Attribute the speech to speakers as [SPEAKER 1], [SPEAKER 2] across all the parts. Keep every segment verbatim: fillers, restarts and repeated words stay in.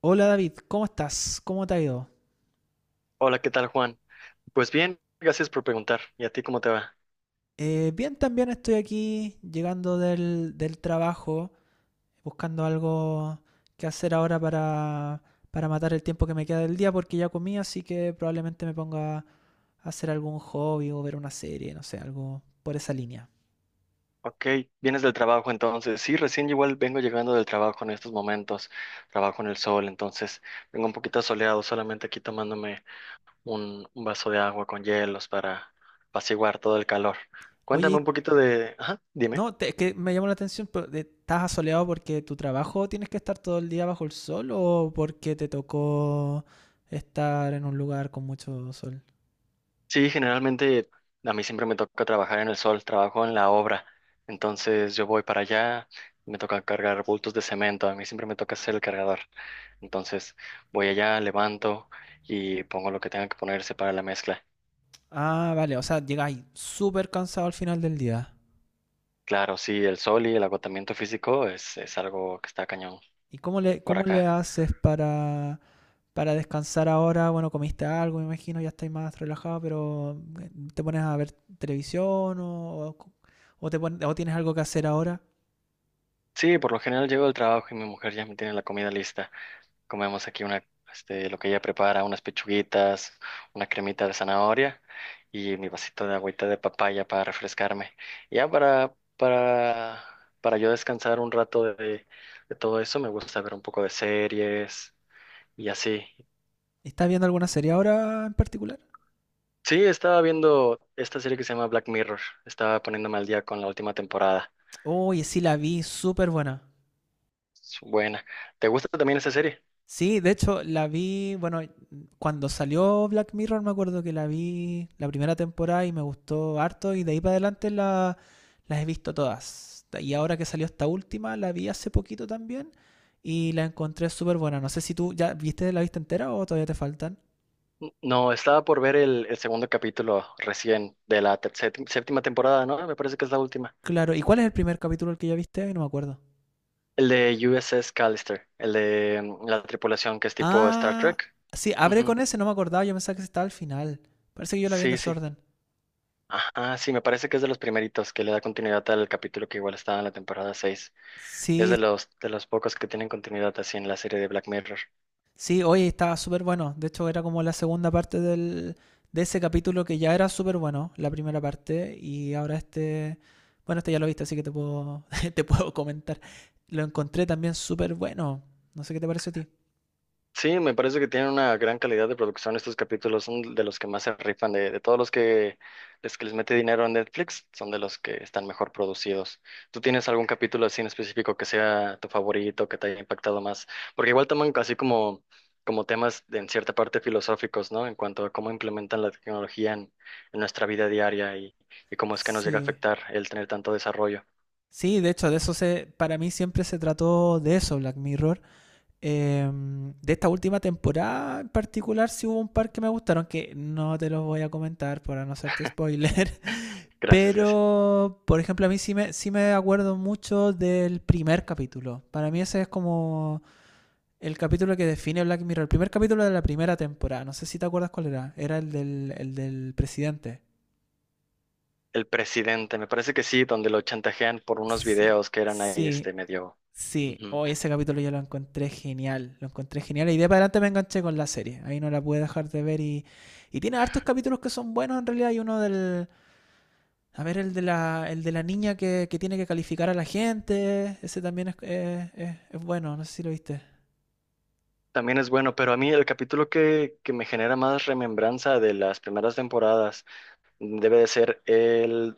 [SPEAKER 1] Hola David, ¿cómo estás? ¿Cómo te ha ido?
[SPEAKER 2] Hola, ¿qué tal, Juan? Pues bien, gracias por preguntar. ¿Y a ti cómo te va?
[SPEAKER 1] Eh, bien, también estoy aquí llegando del, del trabajo, buscando algo que hacer ahora para, para matar el tiempo que me queda del día, porque ya comí, así que probablemente me ponga a hacer algún hobby o ver una serie, no sé, algo por esa línea.
[SPEAKER 2] Ok, vienes del trabajo entonces. Sí, recién igual vengo llegando del trabajo en estos momentos. Trabajo en el sol, entonces vengo un poquito soleado, solamente aquí tomándome un, un vaso de agua con hielos para apaciguar todo el calor.
[SPEAKER 1] Oye,
[SPEAKER 2] Cuéntame un
[SPEAKER 1] y-
[SPEAKER 2] poquito de... Ajá, dime.
[SPEAKER 1] no, te- es que me llamó la atención, pero, eh, ¿estás asoleado porque tu trabajo tienes que estar todo el día bajo el sol o porque te tocó estar en un lugar con mucho sol?
[SPEAKER 2] Sí, generalmente a mí siempre me toca trabajar en el sol, trabajo en la obra. Entonces yo voy para allá, me toca cargar bultos de cemento, a mí siempre me toca ser el cargador. Entonces voy allá, levanto y pongo lo que tenga que ponerse para la mezcla.
[SPEAKER 1] Ah, vale, o sea, llegáis súper cansado al final del día.
[SPEAKER 2] Claro, sí, el sol y el agotamiento físico es, es algo que está cañón
[SPEAKER 1] ¿Y cómo le,
[SPEAKER 2] por
[SPEAKER 1] cómo le
[SPEAKER 2] acá.
[SPEAKER 1] haces para, para descansar ahora? Bueno, comiste algo, me imagino, ya estáis más relajado, pero eh, ¿te pones a ver televisión o, o, o te pon- o tienes algo que hacer ahora?
[SPEAKER 2] Sí, por lo general llego al trabajo y mi mujer ya me tiene la comida lista. Comemos aquí una, este, lo que ella prepara, unas pechuguitas, una cremita de zanahoria y mi vasito de agüita de papaya para refrescarme. Ya para, para, para yo descansar un rato de, de todo eso, me gusta ver un poco de series y así.
[SPEAKER 1] ¿Estás viendo alguna serie ahora en particular?
[SPEAKER 2] Sí, estaba viendo esta serie que se llama Black Mirror. Estaba poniéndome al día con la última temporada.
[SPEAKER 1] Oye, sí la vi, súper buena.
[SPEAKER 2] Es buena. ¿Te gusta también esa serie?
[SPEAKER 1] Sí, de hecho, la vi, bueno, cuando salió Black Mirror me acuerdo que la vi la primera temporada y me gustó harto y de ahí para adelante la, las he visto todas. Y ahora que salió esta última, la vi hace poquito también y la encontré súper buena. No sé si tú ya viste la viste entera o todavía te faltan.
[SPEAKER 2] N- No, estaba por ver el, el segundo capítulo recién de la te- sépti- séptima temporada, ¿no? Me parece que es la última.
[SPEAKER 1] Claro, ¿y cuál es el primer capítulo el que ya viste? Ay, No me acuerdo.
[SPEAKER 2] El de U S S Callister, el de mm, la tripulación que es tipo Star
[SPEAKER 1] Ah,
[SPEAKER 2] Trek.
[SPEAKER 1] sí, abre
[SPEAKER 2] Ujú.
[SPEAKER 1] con ese, no me acordaba, yo pensaba que estaba al final. Parece que yo la vi en
[SPEAKER 2] Sí, sí.
[SPEAKER 1] desorden.
[SPEAKER 2] Ajá, sí, me parece que es de los primeritos que le da continuidad al capítulo que igual estaba en la temporada seis. Es
[SPEAKER 1] Sí,
[SPEAKER 2] de los de los pocos que tienen continuidad así en la serie de Black Mirror.
[SPEAKER 1] sí, hoy estaba súper bueno. De hecho, era como la segunda parte del, de ese capítulo que ya era súper bueno, la primera parte, y ahora este, bueno, este ya lo viste, así que te puedo, te puedo comentar. Lo encontré también súper bueno. No sé qué te pareció a ti.
[SPEAKER 2] Sí, me parece que tienen una gran calidad de producción estos capítulos, son de los que más se rifan, de, de todos los que les, que les mete dinero a Netflix, son de los que están mejor producidos. ¿Tú tienes algún capítulo así en específico que sea tu favorito, que te haya impactado más? Porque igual toman así como, como temas de, en cierta parte filosóficos, ¿no? En cuanto a cómo implementan la tecnología en, en nuestra vida diaria y, y cómo es que nos llega a
[SPEAKER 1] Sí.
[SPEAKER 2] afectar el tener tanto desarrollo.
[SPEAKER 1] Sí, de hecho, de eso se, para mí siempre se trató de eso, Black Mirror. Em, de esta última temporada en particular, sí hubo un par que me gustaron, que no te los voy a comentar para no hacerte spoiler.
[SPEAKER 2] Gracias, gracias.
[SPEAKER 1] Pero, por ejemplo, a mí sí me, sí me acuerdo mucho del primer capítulo. Para mí ese es como el capítulo que define Black Mirror. El primer capítulo de la primera temporada. No sé si te acuerdas cuál era. Era el del, el del presidente.
[SPEAKER 2] El presidente, me parece que sí, donde lo chantajean por unos
[SPEAKER 1] Sí,
[SPEAKER 2] videos que eran ahí
[SPEAKER 1] sí.
[SPEAKER 2] este medio.
[SPEAKER 1] Sí,
[SPEAKER 2] Ujú.
[SPEAKER 1] hoy ese capítulo yo lo encontré genial, lo encontré genial y de ahí para adelante me enganché con la serie, ahí no la pude dejar de ver y, y tiene hartos capítulos que son buenos en realidad, hay uno del, a ver, el de la, el de la niña que, que tiene que calificar a la gente, ese también es, eh, es- es bueno, no sé si lo viste.
[SPEAKER 2] También es bueno, pero a mí el capítulo que, que me genera más remembranza de las primeras temporadas debe de ser el,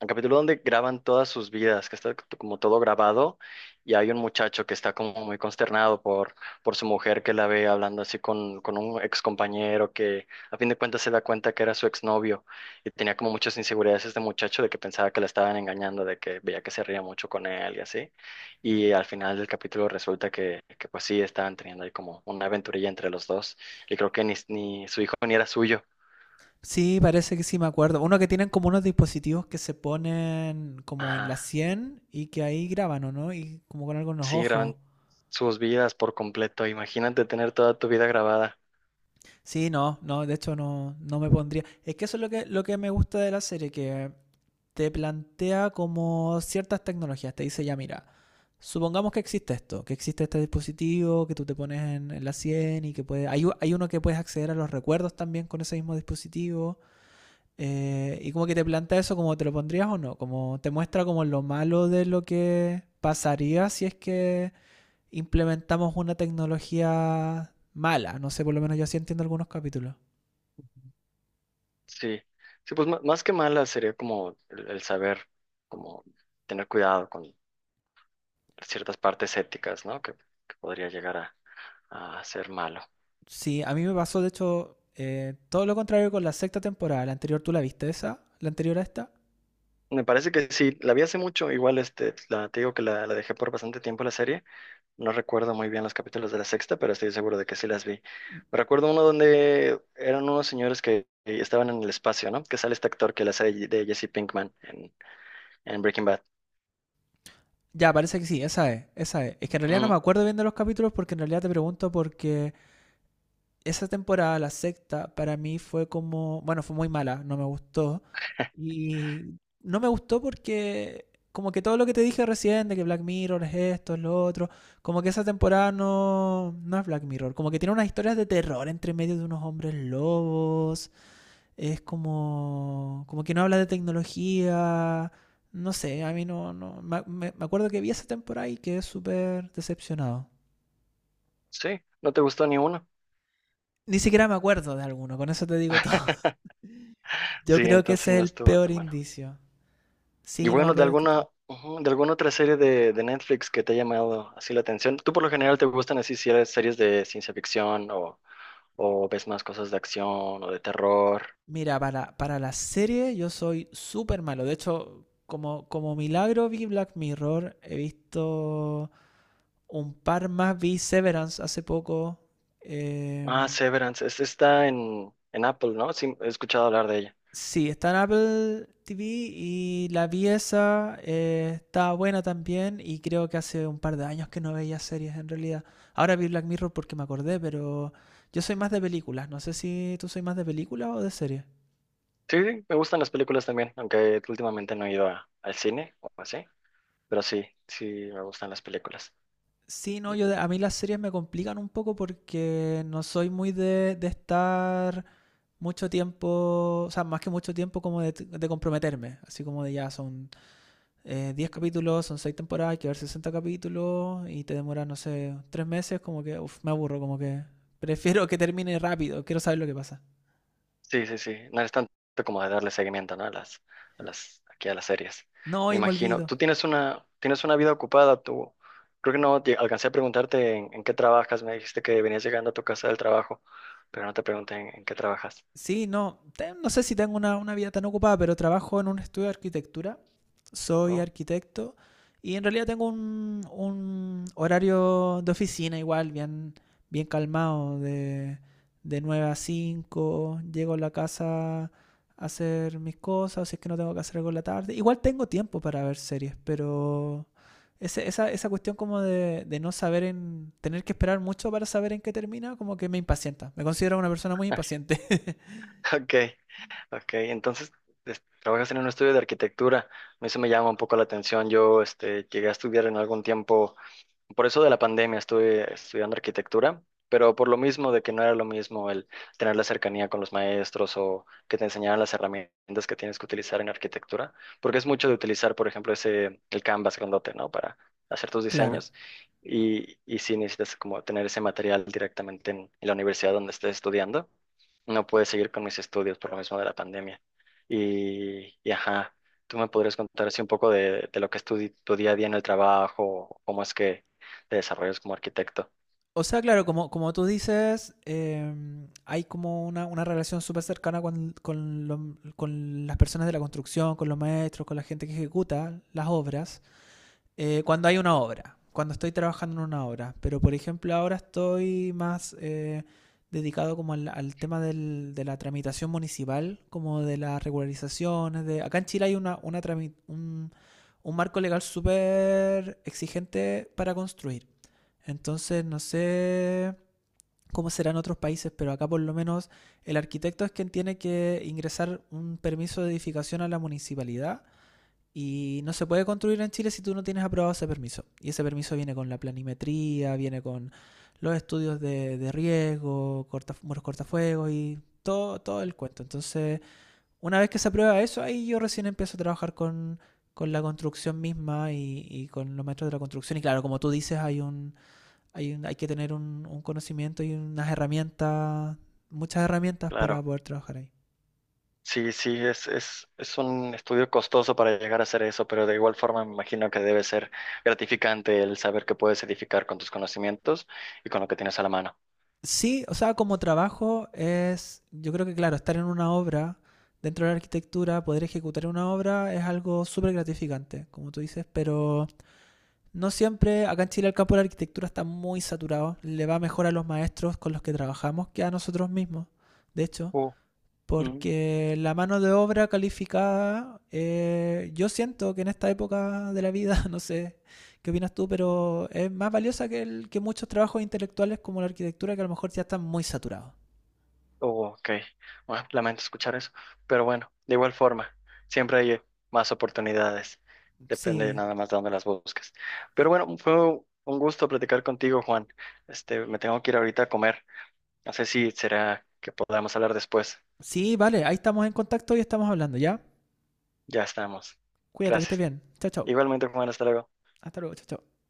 [SPEAKER 2] el capítulo donde graban todas sus vidas, que está como todo grabado y hay un muchacho que está como muy consternado por, por su mujer que la ve hablando así con, con un ex compañero que a fin de cuentas se da cuenta que era su exnovio y tenía como muchas inseguridades este muchacho de que pensaba que la estaban engañando, de que veía que se reía mucho con él y así. Y al final del capítulo resulta que, que pues sí, estaban teniendo ahí como una aventurilla entre los dos y creo que ni, ni su hijo ni era suyo.
[SPEAKER 1] Sí, parece que sí, me acuerdo. Uno que tienen como unos dispositivos que se ponen como en la
[SPEAKER 2] Ajá.
[SPEAKER 1] cien y que ahí graban, ¿o no? Y como con algo en los
[SPEAKER 2] Sí,
[SPEAKER 1] ojos.
[SPEAKER 2] graban sus vidas por completo. Imagínate tener toda tu vida grabada.
[SPEAKER 1] Sí, no, no, de hecho no, no me pondría. Es que eso es lo que, lo que me gusta de la serie, que te plantea como ciertas tecnologías, te dice ya mira, supongamos que existe esto, que existe este dispositivo que tú te pones en, en la cien y que puede, hay, hay uno que puedes acceder a los recuerdos también con ese mismo dispositivo, eh, y como que te plantea eso como te lo pondrías o no, como te muestra como lo malo de lo que pasaría si es que implementamos una tecnología mala, no sé, por lo menos yo así entiendo algunos capítulos.
[SPEAKER 2] Sí, sí, pues ma- más que mala sería como el, el saber, como tener cuidado con ciertas partes éticas, ¿no? Que, que podría llegar a, a ser malo.
[SPEAKER 1] Sí, a mí me pasó, de hecho, eh, todo lo contrario con la sexta temporada. La anterior, ¿tú la viste esa? ¿La anterior a esta?
[SPEAKER 2] Me parece que sí, la vi hace mucho, igual este, la, te digo que la, la dejé por bastante tiempo la serie. No recuerdo muy bien los capítulos de la sexta, pero estoy seguro de que sí las vi. Me recuerdo uno donde eran unos señores que estaban en el espacio, ¿no? Que sale este actor que la hace de Jesse Pinkman en Breaking Bad.
[SPEAKER 1] Ya, parece que sí, esa es, esa es. Es que en realidad no me
[SPEAKER 2] Ujú.
[SPEAKER 1] acuerdo bien de los capítulos porque en realidad te pregunto porque esa temporada, la sexta, para mí fue como, bueno, fue muy mala, no me gustó. Y no me gustó porque como que todo lo que te dije recién de que Black Mirror es esto, es lo otro, como que esa temporada no, no es Black Mirror, como que tiene unas historias de terror entre medio de unos hombres lobos, es como, como que no habla de tecnología. No sé, a mí no. no me, me- acuerdo que vi esa temporada y quedé súper decepcionado.
[SPEAKER 2] Sí, no te gustó ni uno.
[SPEAKER 1] Ni siquiera me acuerdo de alguno, con eso te digo todo. Yo
[SPEAKER 2] Sí,
[SPEAKER 1] creo que
[SPEAKER 2] entonces
[SPEAKER 1] ese es
[SPEAKER 2] no
[SPEAKER 1] el
[SPEAKER 2] estuvo
[SPEAKER 1] peor
[SPEAKER 2] tan bueno.
[SPEAKER 1] indicio.
[SPEAKER 2] Y
[SPEAKER 1] Sí, no,
[SPEAKER 2] bueno, de
[SPEAKER 1] pero este
[SPEAKER 2] alguna,
[SPEAKER 1] tal.
[SPEAKER 2] ujú, de alguna otra serie de, de Netflix que te ha llamado así la atención. ¿Tú por lo general te gustan así si eres series de ciencia ficción o, o ves más cosas de acción o de terror?
[SPEAKER 1] Mira, para, para la serie yo soy súper malo. De hecho, como, como milagro vi Black Mirror, he visto un par más, vi Severance hace poco. eh,
[SPEAKER 2] Ah, Severance, esta está en, en Apple, ¿no? Sí, he escuchado hablar de ella.
[SPEAKER 1] Sí, está en Apple T V y la pieza está buena también y creo que hace un par de años que no veía series en realidad. Ahora vi Black Mirror porque me acordé, pero yo soy más de películas. No sé si tú soy más de películas o de series.
[SPEAKER 2] Sí, sí, me gustan las películas también, aunque últimamente no he ido a- al cine o así, pero sí, sí me gustan las películas.
[SPEAKER 1] Sí, no, yo de- a mí las series me complican un poco porque no soy muy de, de estar mucho tiempo, o sea, más que mucho tiempo como de, de comprometerme, así como de ya son eh, diez capítulos, son seis temporadas, hay que ver sesenta capítulos y te demoras, no sé, tres meses, como que, uff, me aburro, como que prefiero que termine rápido, quiero saber lo que pasa.
[SPEAKER 2] Sí, sí, sí. No es tanto como de darle seguimiento, ¿no? A las, a las, aquí a las series.
[SPEAKER 1] No, y me
[SPEAKER 2] Imagino.
[SPEAKER 1] olvido.
[SPEAKER 2] Tú tienes una, tienes una vida ocupada, tú. Creo que no te alcancé a preguntarte en, en qué trabajas. Me dijiste que venías llegando a tu casa del trabajo, pero no te pregunté en, en qué trabajas.
[SPEAKER 1] Sí, no, no sé si tengo una, una vida tan ocupada, pero trabajo en un estudio de arquitectura. Soy
[SPEAKER 2] Oh,
[SPEAKER 1] arquitecto y en realidad tengo un, un horario de oficina igual, bien, bien calmado, de, de nueve a cinco, llego a la casa a hacer mis cosas, o si es que no tengo que hacer algo en la tarde. Igual tengo tiempo para ver series, pero ese- esa, esa cuestión como de, de no saber en, tener que esperar mucho para saber en qué termina, como que me impacienta. Me considero una persona muy impaciente.
[SPEAKER 2] ok, ok. Entonces, es- trabajas en un estudio de arquitectura. A mí eso me llama un poco la atención. Yo, este, llegué a estudiar en algún tiempo por eso de la pandemia, estuve estudiando arquitectura, pero por lo mismo de que no era lo mismo el tener la cercanía con los maestros o que te enseñaran las herramientas que tienes que utilizar en arquitectura, porque es mucho de utilizar, por ejemplo, ese, el Canvas grandote, ¿no? Para hacer tus
[SPEAKER 1] Claro.
[SPEAKER 2] diseños y, y si necesitas como tener ese material directamente en, en la universidad donde estés estudiando, no puedes seguir con mis estudios por lo mismo de la pandemia. Y, y ajá, ¿tú me podrías contar así un poco de, de lo que es tu, di- tu día a día en el trabajo, cómo es que te desarrollas como arquitecto?
[SPEAKER 1] O sea, claro, como, como tú dices, em, hay como una, una relación súper cercana con, con lo- con las personas de la construcción, con los maestros, con la gente que ejecuta las obras, eh, cuando hay una obra, cuando estoy trabajando en una obra. Pero, por ejemplo, ahora estoy más eh, dedicado como al, al tema del- de la tramitación municipal, como de las regularizaciones. De... Acá en Chile hay una, una trami- un, un marco legal súper exigente para construir. Entonces, no sé cómo será en otros países, pero acá por lo menos el arquitecto es quien tiene que ingresar un permiso de edificación a la municipalidad y no se puede construir en Chile si tú no tienes aprobado ese permiso. Y ese permiso viene con la planimetría, viene con los estudios de, de riesgo, corta, muros cortafuegos y todo, todo el cuento. Entonces, una vez que se aprueba eso, ahí yo recién empiezo a trabajar con, con la construcción misma y, y, con los maestros de la construcción. Y claro, como tú dices, hay un, hay, un, hay que tener un, un conocimiento y unas herramientas, muchas herramientas para
[SPEAKER 2] Claro.
[SPEAKER 1] poder trabajar ahí.
[SPEAKER 2] Sí, sí, es, es, es un estudio costoso para llegar a hacer eso, pero de igual forma me imagino que debe ser gratificante el saber que puedes edificar con tus conocimientos y con lo que tienes a la mano.
[SPEAKER 1] Sí, o sea, como trabajo es, yo creo que claro, estar en una obra, dentro de la arquitectura, poder ejecutar una obra es algo súper gratificante, como tú dices, pero no siempre, acá en Chile el campo de la arquitectura está muy saturado, le va mejor a los maestros con los que trabajamos que a nosotros mismos, de hecho,
[SPEAKER 2] Uh, mm,
[SPEAKER 1] porque la mano de obra calificada, eh, yo siento que en esta época de la vida, no sé qué opinas tú, pero es más valiosa que, el- que muchos trabajos intelectuales como la arquitectura que a lo mejor ya están muy saturados.
[SPEAKER 2] oh, ok. Bueno, lamento escuchar eso, pero bueno, de igual forma, siempre hay más oportunidades. Depende
[SPEAKER 1] Sí,
[SPEAKER 2] nada más de dónde las busques. Pero bueno, fue un gusto platicar contigo, Juan. Este, me tengo que ir ahorita a comer. No sé si será que podamos hablar después.
[SPEAKER 1] sí, vale, ahí estamos en contacto y estamos hablando, ¿ya?
[SPEAKER 2] Ya estamos.
[SPEAKER 1] Cuídate, que estés
[SPEAKER 2] Gracias.
[SPEAKER 1] bien. Chao, chao.
[SPEAKER 2] Igualmente, Juan, hasta luego.
[SPEAKER 1] Hasta luego, chao, chao.